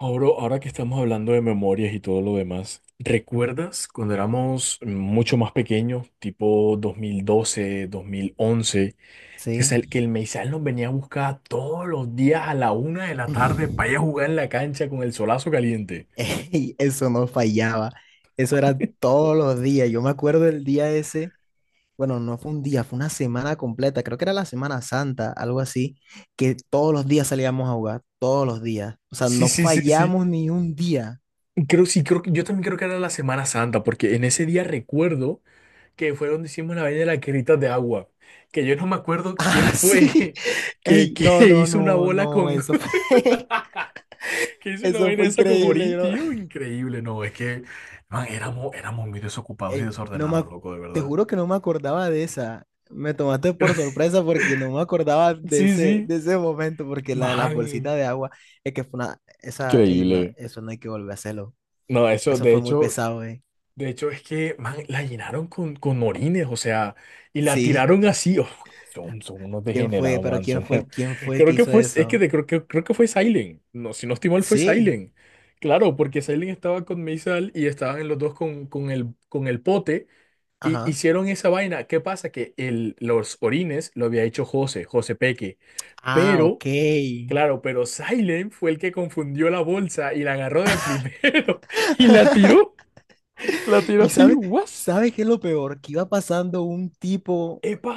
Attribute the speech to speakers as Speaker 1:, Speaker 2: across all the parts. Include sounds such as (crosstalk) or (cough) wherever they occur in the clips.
Speaker 1: Ahora que estamos hablando de memorias y todo lo demás, ¿recuerdas cuando éramos mucho más pequeños, tipo 2012, 2011,
Speaker 2: Sí.
Speaker 1: que el Meisal nos venía a buscar todos los días a la 1 de la tarde para ir a
Speaker 2: (laughs)
Speaker 1: jugar en la cancha con el solazo caliente?
Speaker 2: Ey, eso no fallaba. Eso era todos los días. Yo me acuerdo del día ese, bueno, no fue un día, fue una semana completa, creo que era la Semana Santa, algo así, que todos los días salíamos a jugar, todos los días. O sea,
Speaker 1: Sí,
Speaker 2: no
Speaker 1: sí, sí, sí.
Speaker 2: fallamos ni un día. (laughs)
Speaker 1: Creo que era la Semana Santa, porque en ese día recuerdo que fue donde hicimos la vaina de las guerritas de agua. Que yo no me acuerdo quién
Speaker 2: Ah, sí.
Speaker 1: fue (laughs) que,
Speaker 2: Ey, no,
Speaker 1: que
Speaker 2: no,
Speaker 1: hizo una
Speaker 2: no,
Speaker 1: bola
Speaker 2: no,
Speaker 1: con.
Speaker 2: eso fue, (laughs)
Speaker 1: Que hice una
Speaker 2: eso
Speaker 1: vaina
Speaker 2: fue
Speaker 1: esa con
Speaker 2: increíble.
Speaker 1: Orín,
Speaker 2: Yo no-
Speaker 1: tío. Increíble. No, man, éramos muy desocupados y
Speaker 2: Ey, no me,
Speaker 1: desordenados,
Speaker 2: ac-
Speaker 1: loco, de
Speaker 2: te
Speaker 1: verdad.
Speaker 2: juro que no me acordaba de esa. Me tomaste por
Speaker 1: (laughs)
Speaker 2: sorpresa porque no me acordaba de
Speaker 1: Sí,
Speaker 2: ese,
Speaker 1: sí.
Speaker 2: de ese momento, porque la de las bolsitas
Speaker 1: Man,
Speaker 2: de agua, es que fue una, esa, ey, no,
Speaker 1: increíble.
Speaker 2: eso no hay que volver a hacerlo.
Speaker 1: No,
Speaker 2: Eso
Speaker 1: de
Speaker 2: fue muy
Speaker 1: hecho,
Speaker 2: pesado, eh.
Speaker 1: man, la llenaron con orines, o sea, y la
Speaker 2: Sí.
Speaker 1: tiraron así. Uf, son
Speaker 2: (laughs)
Speaker 1: unos
Speaker 2: ¿Quién fue?
Speaker 1: degenerados,
Speaker 2: Pero
Speaker 1: man.
Speaker 2: ¿quién fue
Speaker 1: (laughs)
Speaker 2: el, quién fue el
Speaker 1: Creo
Speaker 2: que
Speaker 1: que
Speaker 2: hizo
Speaker 1: fue, es que
Speaker 2: eso?
Speaker 1: de- creo que fue Silent. No, si no estoy mal, fue
Speaker 2: Sí.
Speaker 1: Silent. Claro, porque Silent estaba con Meisal y estaban en los dos con el pote. Y
Speaker 2: Ajá.
Speaker 1: hicieron esa vaina. ¿Qué pasa? Que los orines lo había hecho José, José Peque.
Speaker 2: Ah,
Speaker 1: Pero,
Speaker 2: ok. ¿Y
Speaker 1: claro, pero Silent fue el que confundió la bolsa y la agarró de primero (laughs) y la tiró. La tiró así,
Speaker 2: sabes,
Speaker 1: ¡guas!
Speaker 2: sabes qué es lo peor? Que iba pasando un tipo,
Speaker 1: ¡Epa!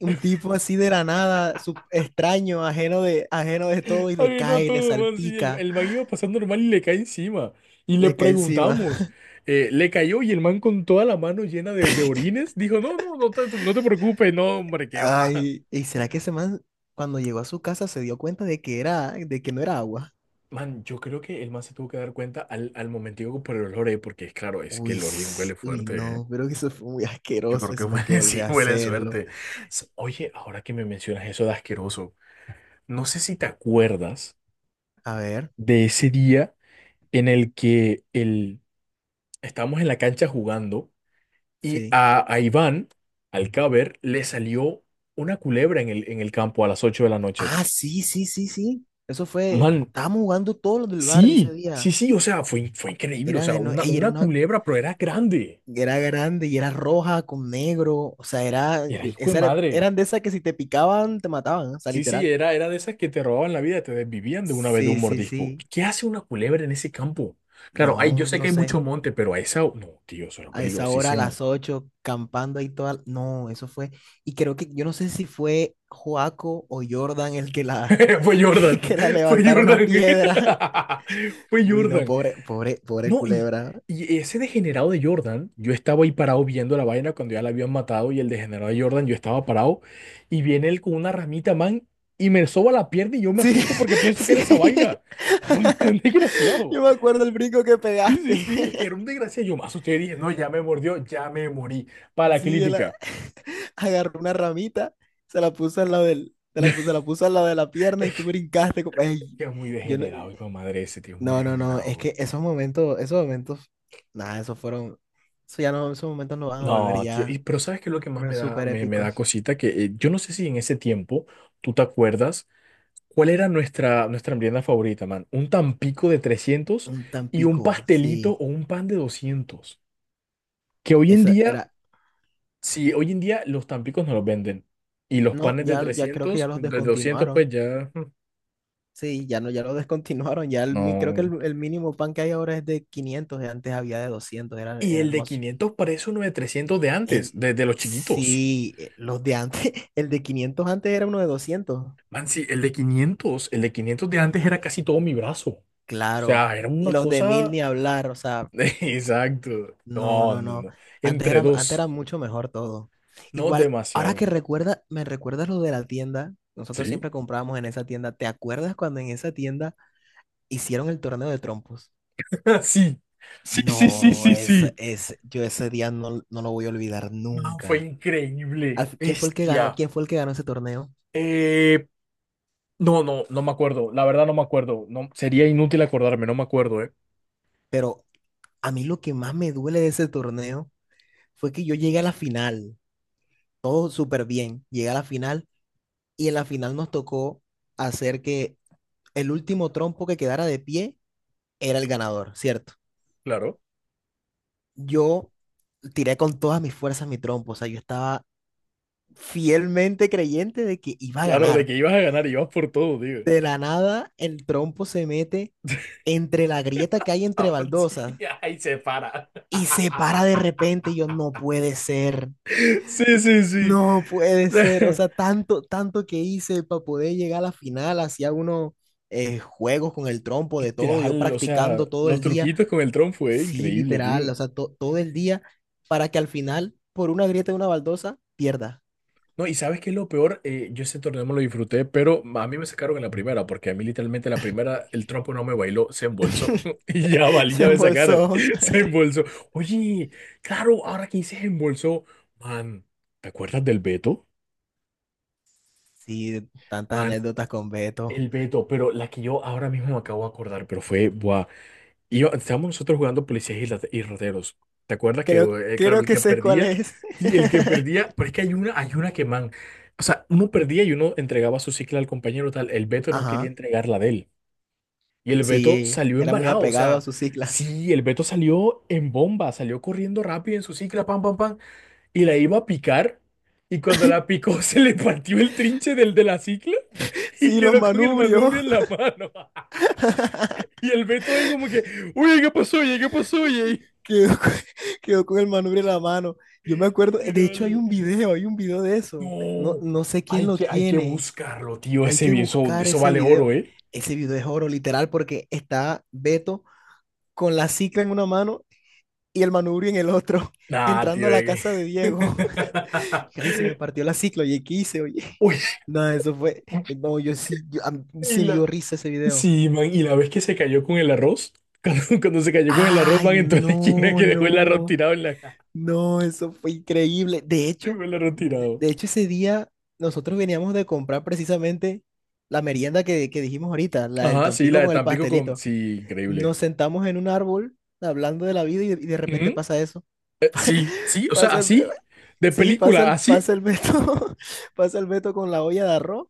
Speaker 2: un tipo así de la nada, extraño, ajeno de todo, y le
Speaker 1: Ay, no
Speaker 2: cae, le
Speaker 1: todo, man. Sí,
Speaker 2: salpica.
Speaker 1: el man iba pasando normal y le cae encima. Y le
Speaker 2: Le cae encima.
Speaker 1: preguntamos. Eh, le cayó y el man con toda la mano llena de orines dijo: No, no, no te preocupes, no, hombre, que va.
Speaker 2: Ay, ¿y será que ese man cuando llegó a su casa se dio cuenta de que era, de que no era agua?
Speaker 1: Man, yo creo que el man se tuvo que dar cuenta al momentico por el olor, ¿eh? Porque claro, es que
Speaker 2: Uy,
Speaker 1: el Orien
Speaker 2: s-
Speaker 1: huele
Speaker 2: uy,
Speaker 1: fuerte, ¿eh?
Speaker 2: no, creo que eso fue muy
Speaker 1: Yo creo
Speaker 2: asqueroso,
Speaker 1: que
Speaker 2: eso no hay que
Speaker 1: huele, (laughs)
Speaker 2: volver
Speaker 1: sí,
Speaker 2: a
Speaker 1: huele
Speaker 2: hacerlo.
Speaker 1: suerte. Oye, ahora que me mencionas eso de asqueroso, no sé si te acuerdas
Speaker 2: A ver,
Speaker 1: de ese día en el que estábamos en la cancha jugando y
Speaker 2: sí.
Speaker 1: a Iván, al caber, le salió una culebra en el campo a las 8 de la noche.
Speaker 2: Ah, sí, sí, sí, sí. Eso fue,
Speaker 1: Man,
Speaker 2: estábamos jugando todos los del barrio ese
Speaker 1: sí,
Speaker 2: día.
Speaker 1: sí, sí, o sea, fue increíble, o
Speaker 2: Era
Speaker 1: sea,
Speaker 2: de no, ey, era
Speaker 1: una
Speaker 2: una,
Speaker 1: culebra, pero era grande.
Speaker 2: era grande y era roja con negro, o sea, era,
Speaker 1: Era hijo de madre.
Speaker 2: eran de esas que si te picaban te mataban, o sea,
Speaker 1: Sí, sí,
Speaker 2: literal.
Speaker 1: era de esas que te robaban la vida, te desvivían de una vez de un
Speaker 2: Sí, sí,
Speaker 1: mordisco.
Speaker 2: sí.
Speaker 1: ¿Qué hace una culebra en ese campo? Claro, ay, yo
Speaker 2: No,
Speaker 1: sé que
Speaker 2: no
Speaker 1: hay mucho
Speaker 2: sé.
Speaker 1: monte, pero a esa... No, tío, eso era
Speaker 2: A esa hora, a
Speaker 1: peligrosísimo.
Speaker 2: las 8 campando ahí toda. No, eso fue. Y creo que yo no sé si fue Joaco o Jordan el que la,
Speaker 1: (laughs) Fue
Speaker 2: (laughs) el
Speaker 1: Jordan,
Speaker 2: que la
Speaker 1: fue
Speaker 2: levantaron a
Speaker 1: Jordan.
Speaker 2: piedra.
Speaker 1: (laughs) Fue
Speaker 2: Uy, no,
Speaker 1: Jordan.
Speaker 2: pobre, pobre, pobre
Speaker 1: No,
Speaker 2: culebra.
Speaker 1: y ese degenerado de Jordan, yo estaba ahí parado viendo la vaina cuando ya la habían matado y el degenerado de Jordan, yo estaba parado y viene él con una ramita, man, y me soba la pierna y yo me
Speaker 2: Sí,
Speaker 1: asusto porque pienso que
Speaker 2: (laughs) sí.
Speaker 1: era esa vaina. (laughs) Qué un
Speaker 2: (laughs)
Speaker 1: desgraciado.
Speaker 2: Yo me acuerdo el brinco que
Speaker 1: Sí, sí,
Speaker 2: pegaste.
Speaker 1: sí, es que era
Speaker 2: (laughs)
Speaker 1: un desgraciado. Yo me asusté y dije, no, ya me mordió, ya me morí. Para la
Speaker 2: Sí,
Speaker 1: clínica.
Speaker 2: (laughs) agarró una ramita, se la puso al lado del, se
Speaker 1: (laughs)
Speaker 2: la puso al lado de la pierna y tú
Speaker 1: Es
Speaker 2: brincaste. Ey,
Speaker 1: que es muy
Speaker 2: yo no-
Speaker 1: degenerado, hijo de madre, ese tío es muy
Speaker 2: No, no, no, es
Speaker 1: degenerado.
Speaker 2: que esos momentos, nada, esos fueron, eso ya no, esos momentos no van a volver
Speaker 1: No, tío, y,
Speaker 2: ya,
Speaker 1: pero ¿sabes qué es lo que más
Speaker 2: eran
Speaker 1: me da,
Speaker 2: súper
Speaker 1: me da
Speaker 2: épicos.
Speaker 1: cosita? Que yo no sé si en ese tiempo tú te acuerdas cuál era nuestra merienda favorita, man. Un tampico de 300
Speaker 2: Un
Speaker 1: y un
Speaker 2: Tampico,
Speaker 1: pastelito
Speaker 2: sí,
Speaker 1: o un pan de 200. Que hoy en
Speaker 2: eso
Speaker 1: día,
Speaker 2: era,
Speaker 1: sí, hoy en día los tampicos no los venden. Y los
Speaker 2: no,
Speaker 1: panes de
Speaker 2: ya creo que ya
Speaker 1: 300,
Speaker 2: los
Speaker 1: de 200
Speaker 2: descontinuaron,
Speaker 1: pues ya, mm,
Speaker 2: sí, ya no, ya los (laughs) descontinuaron, creo que
Speaker 1: no.
Speaker 2: el mínimo pan que hay ahora es de 500 y antes había de 200 era,
Speaker 1: Y
Speaker 2: era
Speaker 1: el de
Speaker 2: hermoso.
Speaker 1: 500 parece uno de 300 de antes,
Speaker 2: El,
Speaker 1: de los chiquitos.
Speaker 2: sí, los de antes, (laughs) el de 500 antes era uno de 200
Speaker 1: Man, sí, el de 500, el de 500 de antes era casi todo mi brazo. O
Speaker 2: claro,
Speaker 1: sea, era
Speaker 2: y
Speaker 1: una
Speaker 2: los de 1000
Speaker 1: cosa...
Speaker 2: ni hablar, o sea,
Speaker 1: (laughs) Exacto.
Speaker 2: no,
Speaker 1: No,
Speaker 2: no,
Speaker 1: no,
Speaker 2: no.
Speaker 1: no.
Speaker 2: Antes
Speaker 1: Entre
Speaker 2: era, antes era
Speaker 1: dos.
Speaker 2: mucho mejor todo.
Speaker 1: No
Speaker 2: Igual, ahora
Speaker 1: demasiado.
Speaker 2: que me recuerdas lo de la tienda. Nosotros
Speaker 1: ¿Sí?
Speaker 2: siempre comprábamos en esa tienda. ¿Te acuerdas cuando en esa tienda hicieron el torneo de trompos?
Speaker 1: (laughs) Sí. Sí, sí, sí,
Speaker 2: No,
Speaker 1: sí, sí.
Speaker 2: yo ese día no lo voy a olvidar
Speaker 1: Man, fue
Speaker 2: nunca.
Speaker 1: increíble.
Speaker 2: ¿Quién fue el que ganó?
Speaker 1: Bestia.
Speaker 2: ¿Quién fue el que ganó ese torneo?
Speaker 1: Eh, no, no, no me acuerdo. La verdad no me acuerdo. No, sería inútil acordarme, no me acuerdo, ¿eh?
Speaker 2: Pero a mí lo que más me duele de ese torneo fue que yo llegué a la final. Todo súper bien. Llegué a la final y en la final nos tocó hacer que el último trompo que quedara de pie era el ganador, ¿cierto?
Speaker 1: Claro.
Speaker 2: Yo tiré con todas mis fuerzas mi trompo, o sea, yo estaba fielmente creyente de que iba a
Speaker 1: Claro, de
Speaker 2: ganar.
Speaker 1: que ibas a ganar, ibas por todo, digo.
Speaker 2: De la nada, el trompo se mete entre la grieta que hay entre
Speaker 1: Ah, pues (laughs) sí,
Speaker 2: baldosas
Speaker 1: ahí se para.
Speaker 2: y se
Speaker 1: (laughs)
Speaker 2: para de repente y yo, no puede ser,
Speaker 1: Sí, sí, sí.
Speaker 2: no puede ser, o
Speaker 1: (laughs)
Speaker 2: sea, tanto, tanto que hice para poder llegar a la final, hacía unos juegos con el trompo de todo, yo
Speaker 1: Literal, o sea,
Speaker 2: practicando todo
Speaker 1: los
Speaker 2: el día.
Speaker 1: truquitos con el Tron fue
Speaker 2: Sí,
Speaker 1: increíble,
Speaker 2: literal, o
Speaker 1: tío.
Speaker 2: sea, todo el día para que al final, por una grieta de una baldosa, pierda.
Speaker 1: No, y ¿sabes qué es lo peor? Yo ese torneo me lo disfruté, pero a mí me sacaron en la primera, porque a mí literalmente en la primera el trompo no me bailó, se embolsó. (laughs) Y ya
Speaker 2: (laughs)
Speaker 1: valí,
Speaker 2: Se
Speaker 1: ya me sacaron.
Speaker 2: embolsó.
Speaker 1: (laughs) Se embolsó. Oye, claro, ahora que dices embolsó, man, ¿te acuerdas del Beto?
Speaker 2: Sí, tantas
Speaker 1: Man,
Speaker 2: anécdotas con Beto.
Speaker 1: el Beto, pero la que yo ahora mismo me acabo de acordar, pero fue, buah. Y estábamos nosotros jugando policías y rateros. ¿Te acuerdas que,
Speaker 2: Creo,
Speaker 1: claro,
Speaker 2: creo
Speaker 1: el
Speaker 2: que
Speaker 1: que
Speaker 2: sé cuál
Speaker 1: perdía,
Speaker 2: es.
Speaker 1: sí, el que
Speaker 2: (laughs)
Speaker 1: perdía, pero es que hay una que, man, o sea, uno perdía y uno entregaba su cicla al compañero tal, el Beto no quería
Speaker 2: Ajá,
Speaker 1: entregar la de él. Y el Beto
Speaker 2: sí,
Speaker 1: salió
Speaker 2: era muy
Speaker 1: embalado, o
Speaker 2: apegado a
Speaker 1: sea,
Speaker 2: su cicla. (laughs)
Speaker 1: sí, el Beto salió en bomba, salió corriendo rápido en su cicla, pam, pam, pam, y la iba a picar, y cuando la picó (laughs) se le partió el trinche del de la cicla y
Speaker 2: Sí, los
Speaker 1: quedó con el
Speaker 2: manubrios.
Speaker 1: manubrio en la mano. (laughs) Y el Beto ahí como que, oye, ¿qué pasó? Oye, ¿qué pasó? Oye.
Speaker 2: (laughs) Quedó, con- quedó con el manubrio en la mano. Yo me acuerdo, de hecho hay
Speaker 1: Literal.
Speaker 2: un video, hay un video de eso. No,
Speaker 1: No,
Speaker 2: no sé quién lo
Speaker 1: hay que
Speaker 2: tiene.
Speaker 1: buscarlo, tío.
Speaker 2: Hay que
Speaker 1: Eso,
Speaker 2: buscar
Speaker 1: eso
Speaker 2: ese
Speaker 1: vale
Speaker 2: video.
Speaker 1: oro, ¿eh?
Speaker 2: Ese video es oro, literal, porque está Beto con la cicla en una mano y el manubrio en el otro, (laughs)
Speaker 1: Nah,
Speaker 2: entrando
Speaker 1: tío.
Speaker 2: a la
Speaker 1: Eh.
Speaker 2: casa de Diego. (laughs) Ay, se me
Speaker 1: (laughs)
Speaker 2: partió la cicla, oye, ¿qué hice, oye? (laughs)
Speaker 1: Uy,
Speaker 2: No, eso fue, no, yo sí, a mí
Speaker 1: y
Speaker 2: sí me dio
Speaker 1: la,
Speaker 2: risa ese video.
Speaker 1: sí, man, y la vez que se cayó con el arroz, (laughs) cuando se cayó con el arroz,
Speaker 2: Ay,
Speaker 1: van en toda la esquina
Speaker 2: no,
Speaker 1: que dejó el arroz
Speaker 2: no,
Speaker 1: tirado en la,
Speaker 2: no, eso fue increíble. De
Speaker 1: (laughs)
Speaker 2: hecho,
Speaker 1: dejó el arroz
Speaker 2: de,
Speaker 1: tirado.
Speaker 2: de hecho ese día nosotros veníamos de comprar precisamente la merienda que dijimos ahorita, la del
Speaker 1: Ajá, sí, la
Speaker 2: Tampico
Speaker 1: de
Speaker 2: con el
Speaker 1: Tampico con,
Speaker 2: pastelito.
Speaker 1: sí, increíble.
Speaker 2: Nos sentamos en un árbol hablando de la vida y de repente
Speaker 1: Ujú.
Speaker 2: pasa eso.
Speaker 1: Sí, sí, o sea,
Speaker 2: Pasa el-
Speaker 1: así, de
Speaker 2: Sí, pasa
Speaker 1: película,
Speaker 2: el, pasa
Speaker 1: así.
Speaker 2: el Beto, (laughs) pasa el Beto con la olla de arroz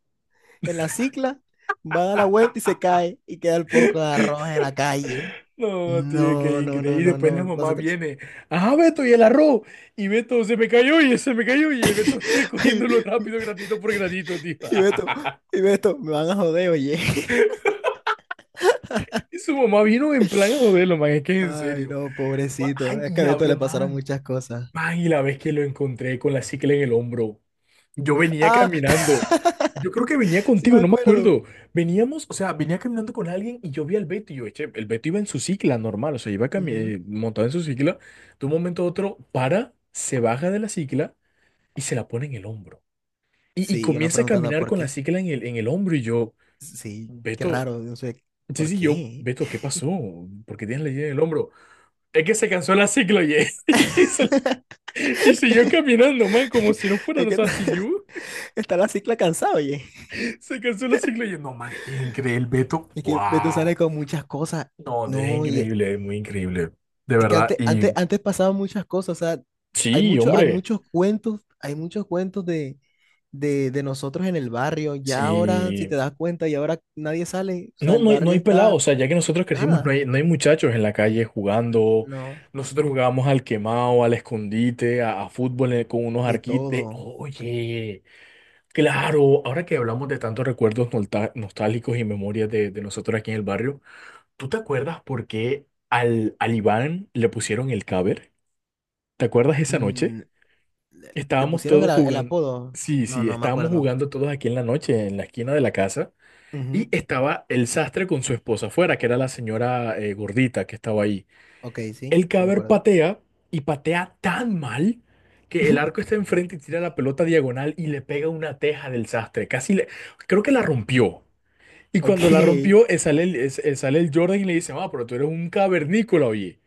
Speaker 2: en la cicla, va a dar la vuelta y se cae y queda el poco de arroz en la calle.
Speaker 1: No, tío, qué
Speaker 2: No, no,
Speaker 1: increíble.
Speaker 2: no,
Speaker 1: Y
Speaker 2: no,
Speaker 1: después la
Speaker 2: no,
Speaker 1: mamá
Speaker 2: nosotros.
Speaker 1: viene. Ajá, Beto, y el arroz. Y Beto se me cayó y se me cayó. Y Beto (laughs) recogiéndolo
Speaker 2: (laughs)
Speaker 1: rápido, granito por granito, tío.
Speaker 2: Y y Beto,
Speaker 1: (laughs)
Speaker 2: y Beto, me van a joder, oye. (laughs)
Speaker 1: Y su mamá vino en plan a joderlo, man. Es que es en
Speaker 2: Ay,
Speaker 1: serio.
Speaker 2: no, pobrecito.
Speaker 1: Ay,
Speaker 2: Es que a Beto
Speaker 1: la
Speaker 2: le pasaron
Speaker 1: man.
Speaker 2: muchas cosas.
Speaker 1: Man, y la vez que lo encontré con la cicla en el hombro, yo venía
Speaker 2: Ah,
Speaker 1: caminando. Yo creo que venía
Speaker 2: (laughs) sí
Speaker 1: contigo,
Speaker 2: me
Speaker 1: no me
Speaker 2: acuerdo.
Speaker 1: acuerdo. Veníamos, o sea, venía caminando con alguien y yo vi al Beto y yo, eche. El Beto iba en su cicla normal, o sea,
Speaker 2: Ujú.
Speaker 1: montado en su cicla. De un momento a otro, para, se baja de la cicla y se la pone en el hombro. Y
Speaker 2: Sí, uno
Speaker 1: comienza a
Speaker 2: preguntando
Speaker 1: caminar
Speaker 2: por
Speaker 1: con la
Speaker 2: qué.
Speaker 1: cicla en el hombro y yo,
Speaker 2: Sí, qué
Speaker 1: Beto,
Speaker 2: raro, no sé,
Speaker 1: sí,
Speaker 2: ¿por
Speaker 1: sí, yo,
Speaker 2: qué?
Speaker 1: Beto, ¿qué pasó? ¿Por qué tienes la idea en el hombro? Es que se cansó la cicla, oye. (laughs) Y siguió caminando, man, como si no fueran
Speaker 2: Es
Speaker 1: los
Speaker 2: que (laughs)
Speaker 1: ACU.
Speaker 2: está la cicla cansada, oye.
Speaker 1: Se cansó la cicla y yo, no, man, qué increíble, Beto.
Speaker 2: Es que Beto sale
Speaker 1: Wow.
Speaker 2: con muchas cosas.
Speaker 1: No, es
Speaker 2: No,
Speaker 1: increíble, es muy increíble. De
Speaker 2: es que
Speaker 1: verdad.
Speaker 2: antes,
Speaker 1: Y
Speaker 2: antes, antes pasaban muchas cosas. O sea, hay
Speaker 1: sí,
Speaker 2: mucho, hay
Speaker 1: hombre,
Speaker 2: muchos cuentos, hay muchos cuentos de nosotros en el barrio. Ya ahora, si
Speaker 1: sí.
Speaker 2: te das cuenta, y ahora nadie sale. O sea,
Speaker 1: No,
Speaker 2: el
Speaker 1: no hay, no
Speaker 2: barrio
Speaker 1: hay pelados.
Speaker 2: está
Speaker 1: O sea, ya que nosotros crecimos, no
Speaker 2: nada.
Speaker 1: hay, no hay muchachos en la calle jugando.
Speaker 2: No,
Speaker 1: Nosotros jugábamos al quemado, al escondite, a fútbol con unos
Speaker 2: de
Speaker 1: arquites.
Speaker 2: todo.
Speaker 1: Oye, claro, ahora que hablamos de tantos recuerdos nostálgicos y memorias de nosotros aquí en el barrio. ¿Tú te acuerdas por qué al Iván le pusieron el caber? ¿Te acuerdas esa noche?
Speaker 2: Mm, le
Speaker 1: Estábamos
Speaker 2: pusieron el,
Speaker 1: todos
Speaker 2: a- el
Speaker 1: jugando.
Speaker 2: apodo.
Speaker 1: Sí,
Speaker 2: No,
Speaker 1: sí,
Speaker 2: no me
Speaker 1: estábamos
Speaker 2: acuerdo.
Speaker 1: jugando todos aquí en la noche, en la esquina de la casa.
Speaker 2: Ujú.
Speaker 1: Y estaba el sastre con su esposa afuera, que era la señora gordita que estaba ahí.
Speaker 2: Ok, sí,
Speaker 1: El
Speaker 2: sí me
Speaker 1: caber
Speaker 2: acuerdo.
Speaker 1: patea y patea tan mal que el arco
Speaker 2: (laughs)
Speaker 1: está enfrente y tira la pelota diagonal y le pega una teja del sastre. Casi le. Creo que la rompió. Y
Speaker 2: Ok.
Speaker 1: cuando la rompió, sale sale el Jordan y le dice: Ah, pero tú eres un cavernícola, oye.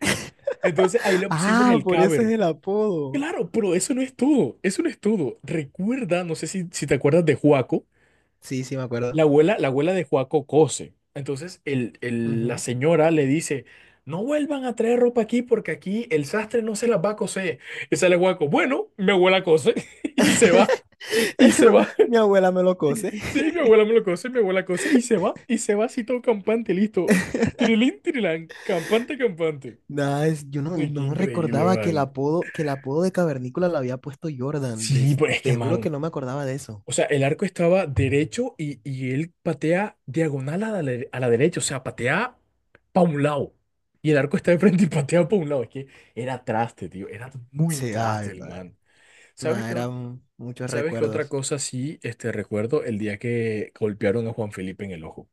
Speaker 1: Entonces ahí le pusimos
Speaker 2: Ah,
Speaker 1: el
Speaker 2: por eso es
Speaker 1: cover.
Speaker 2: el apodo.
Speaker 1: Claro, pero eso no es todo, eso no es todo. Recuerda, no sé si te acuerdas de Juaco,
Speaker 2: Sí, sí me acuerdo.
Speaker 1: la abuela de Juaco cose. Entonces la
Speaker 2: Ujú.
Speaker 1: señora le dice, no vuelvan a traer ropa aquí porque aquí el sastre no se las va a coser. Y sale Juaco, bueno, mi abuela cose (laughs) y se va.
Speaker 2: (laughs)
Speaker 1: Y se va.
Speaker 2: Mi abuela me lo cose.
Speaker 1: Sí, mi abuela me
Speaker 2: (laughs)
Speaker 1: lo cose, mi abuela cose y se va. Y se va así todo campante, listo.
Speaker 2: (laughs)
Speaker 1: Tirilín, tirilán, campante, campante.
Speaker 2: Nada, yo no,
Speaker 1: Ay, qué
Speaker 2: no
Speaker 1: increíble,
Speaker 2: recordaba que el
Speaker 1: man.
Speaker 2: apodo, que el apodo de Cavernícola lo había puesto Jordan.
Speaker 1: Sí,
Speaker 2: des-
Speaker 1: pero es que,
Speaker 2: te juro que
Speaker 1: man.
Speaker 2: no me acordaba de eso.
Speaker 1: O sea, el arco estaba derecho y él patea diagonal a a la derecha, o sea, patea para un lado. Y el arco está de frente y patea para un lado. Es que era traste, tío, era muy
Speaker 2: Sí, ay,
Speaker 1: traste el
Speaker 2: nada,
Speaker 1: man. ¿Sabes
Speaker 2: nada,
Speaker 1: qué, ot-
Speaker 2: eran muchos
Speaker 1: ¿Sabes qué otra
Speaker 2: recuerdos.
Speaker 1: cosa sí este, recuerdo? El día que golpearon a Juan Felipe en el ojo.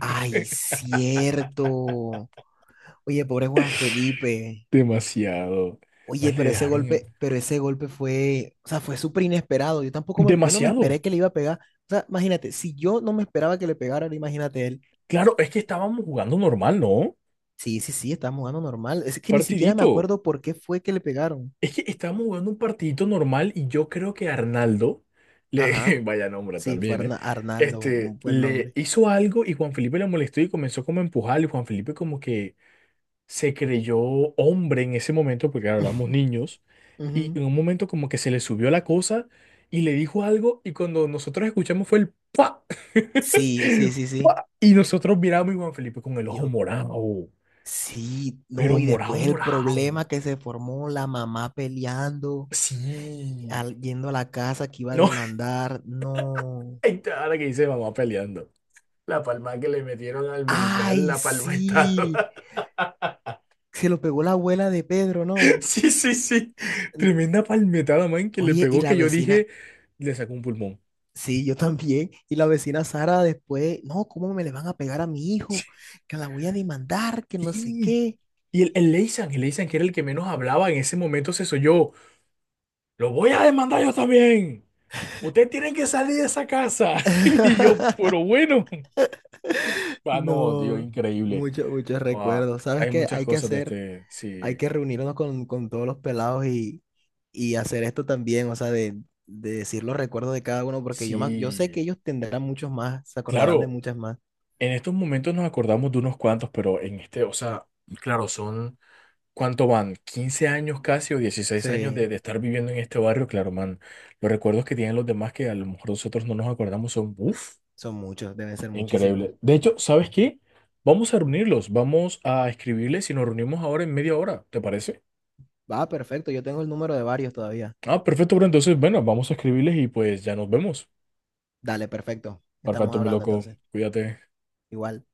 Speaker 2: Ay, cierto. Oye, pobre Juan Felipe.
Speaker 1: Demasiado.
Speaker 2: Oye,
Speaker 1: Más le
Speaker 2: pero ese
Speaker 1: dejaron el...
Speaker 2: golpe, pero ese golpe fue, o sea, fue súper inesperado. Yo tampoco yo no me
Speaker 1: Demasiado.
Speaker 2: esperé que le iba a pegar. O sea, imagínate, si yo no me esperaba que le pegara, ahora imagínate él.
Speaker 1: Claro, es que estábamos jugando normal, ¿no?
Speaker 2: Sí, sí, sí, estábamos jugando normal. Es que ni siquiera me
Speaker 1: Partidito.
Speaker 2: acuerdo por qué fue que le pegaron.
Speaker 1: Es que estábamos jugando un partidito normal y yo creo que Arnaldo, le,
Speaker 2: Ajá.
Speaker 1: (laughs) vaya nombre
Speaker 2: Sí, fue
Speaker 1: también, ¿eh?
Speaker 2: Arnaldo,
Speaker 1: Este,
Speaker 2: un buen
Speaker 1: le
Speaker 2: nombre.
Speaker 1: hizo algo y Juan Felipe le molestó y comenzó como a empujarle. Y Juan Felipe como que se creyó hombre en ese momento, porque claro, éramos
Speaker 2: (laughs)
Speaker 1: niños, y
Speaker 2: Ujú.
Speaker 1: en un momento como que se le subió la cosa y le dijo algo y cuando nosotros escuchamos fue el ¡pa! (laughs)
Speaker 2: Sí, sí, sí, sí.
Speaker 1: Y nosotros miramos y Juan Felipe con el ojo
Speaker 2: Yo,
Speaker 1: morado,
Speaker 2: sí,
Speaker 1: pero
Speaker 2: no, y
Speaker 1: morado,
Speaker 2: después el
Speaker 1: morado.
Speaker 2: problema que se formó, la mamá peleando,
Speaker 1: Sí.
Speaker 2: yendo a la casa que iba a
Speaker 1: No,
Speaker 2: demandar, no.
Speaker 1: (laughs) ahora que dice mamá peleando. La palma que le metieron al Meizal,
Speaker 2: ¡Ay,
Speaker 1: la
Speaker 2: sí!
Speaker 1: palmetada. (laughs)
Speaker 2: Se lo pegó la abuela de Pedro, ¿no?
Speaker 1: Sí, sí, sí.
Speaker 2: N-
Speaker 1: Tremenda palmetada, man, que le
Speaker 2: Oye, y
Speaker 1: pegó
Speaker 2: la
Speaker 1: que yo dije,
Speaker 2: vecina,
Speaker 1: le sacó un pulmón.
Speaker 2: sí, yo también. Y la vecina Sara después, no, ¿cómo me le van a pegar a mi hijo? Que la voy a demandar, que no sé
Speaker 1: Sí.
Speaker 2: qué.
Speaker 1: Y el Leysan, que era el que menos hablaba en ese momento, se soyó. Lo voy a demandar yo también. Ustedes tienen que salir de esa casa. (laughs) Y
Speaker 2: (laughs)
Speaker 1: yo, pero bueno. Ah, no, tío,
Speaker 2: No,
Speaker 1: increíble.
Speaker 2: muchos, muchos
Speaker 1: Guau.
Speaker 2: recuerdos. ¿Sabes
Speaker 1: Hay
Speaker 2: qué?
Speaker 1: muchas
Speaker 2: Hay que
Speaker 1: cosas de
Speaker 2: hacer,
Speaker 1: este.
Speaker 2: hay
Speaker 1: Sí,
Speaker 2: que reunirnos con, todos los pelados y hacer esto también, o sea, de decir los recuerdos de cada uno, porque yo, me ac- yo sé
Speaker 1: sí.
Speaker 2: que ellos tendrán muchos más, se acordarán de
Speaker 1: Claro.
Speaker 2: muchas más.
Speaker 1: En estos momentos nos acordamos de unos cuantos, pero en este, o sea, claro, son, ¿cuánto van? 15 años casi o 16 años
Speaker 2: Sí,
Speaker 1: de estar viviendo en este barrio? Claro, man, los recuerdos que tienen los demás que a lo mejor nosotros no nos acordamos son, uff,
Speaker 2: son muchos, deben ser muchísimos.
Speaker 1: increíble. De hecho, ¿sabes qué? Vamos a reunirlos, vamos a escribirles y nos reunimos ahora en media hora, ¿te parece?
Speaker 2: Va, perfecto, yo tengo el número de varios todavía.
Speaker 1: Ah, perfecto, bro, entonces, bueno, vamos a escribirles y pues ya nos vemos.
Speaker 2: Dale, perfecto. Estamos
Speaker 1: Perfecto, mi
Speaker 2: hablando
Speaker 1: loco,
Speaker 2: entonces.
Speaker 1: cuídate.
Speaker 2: Igual.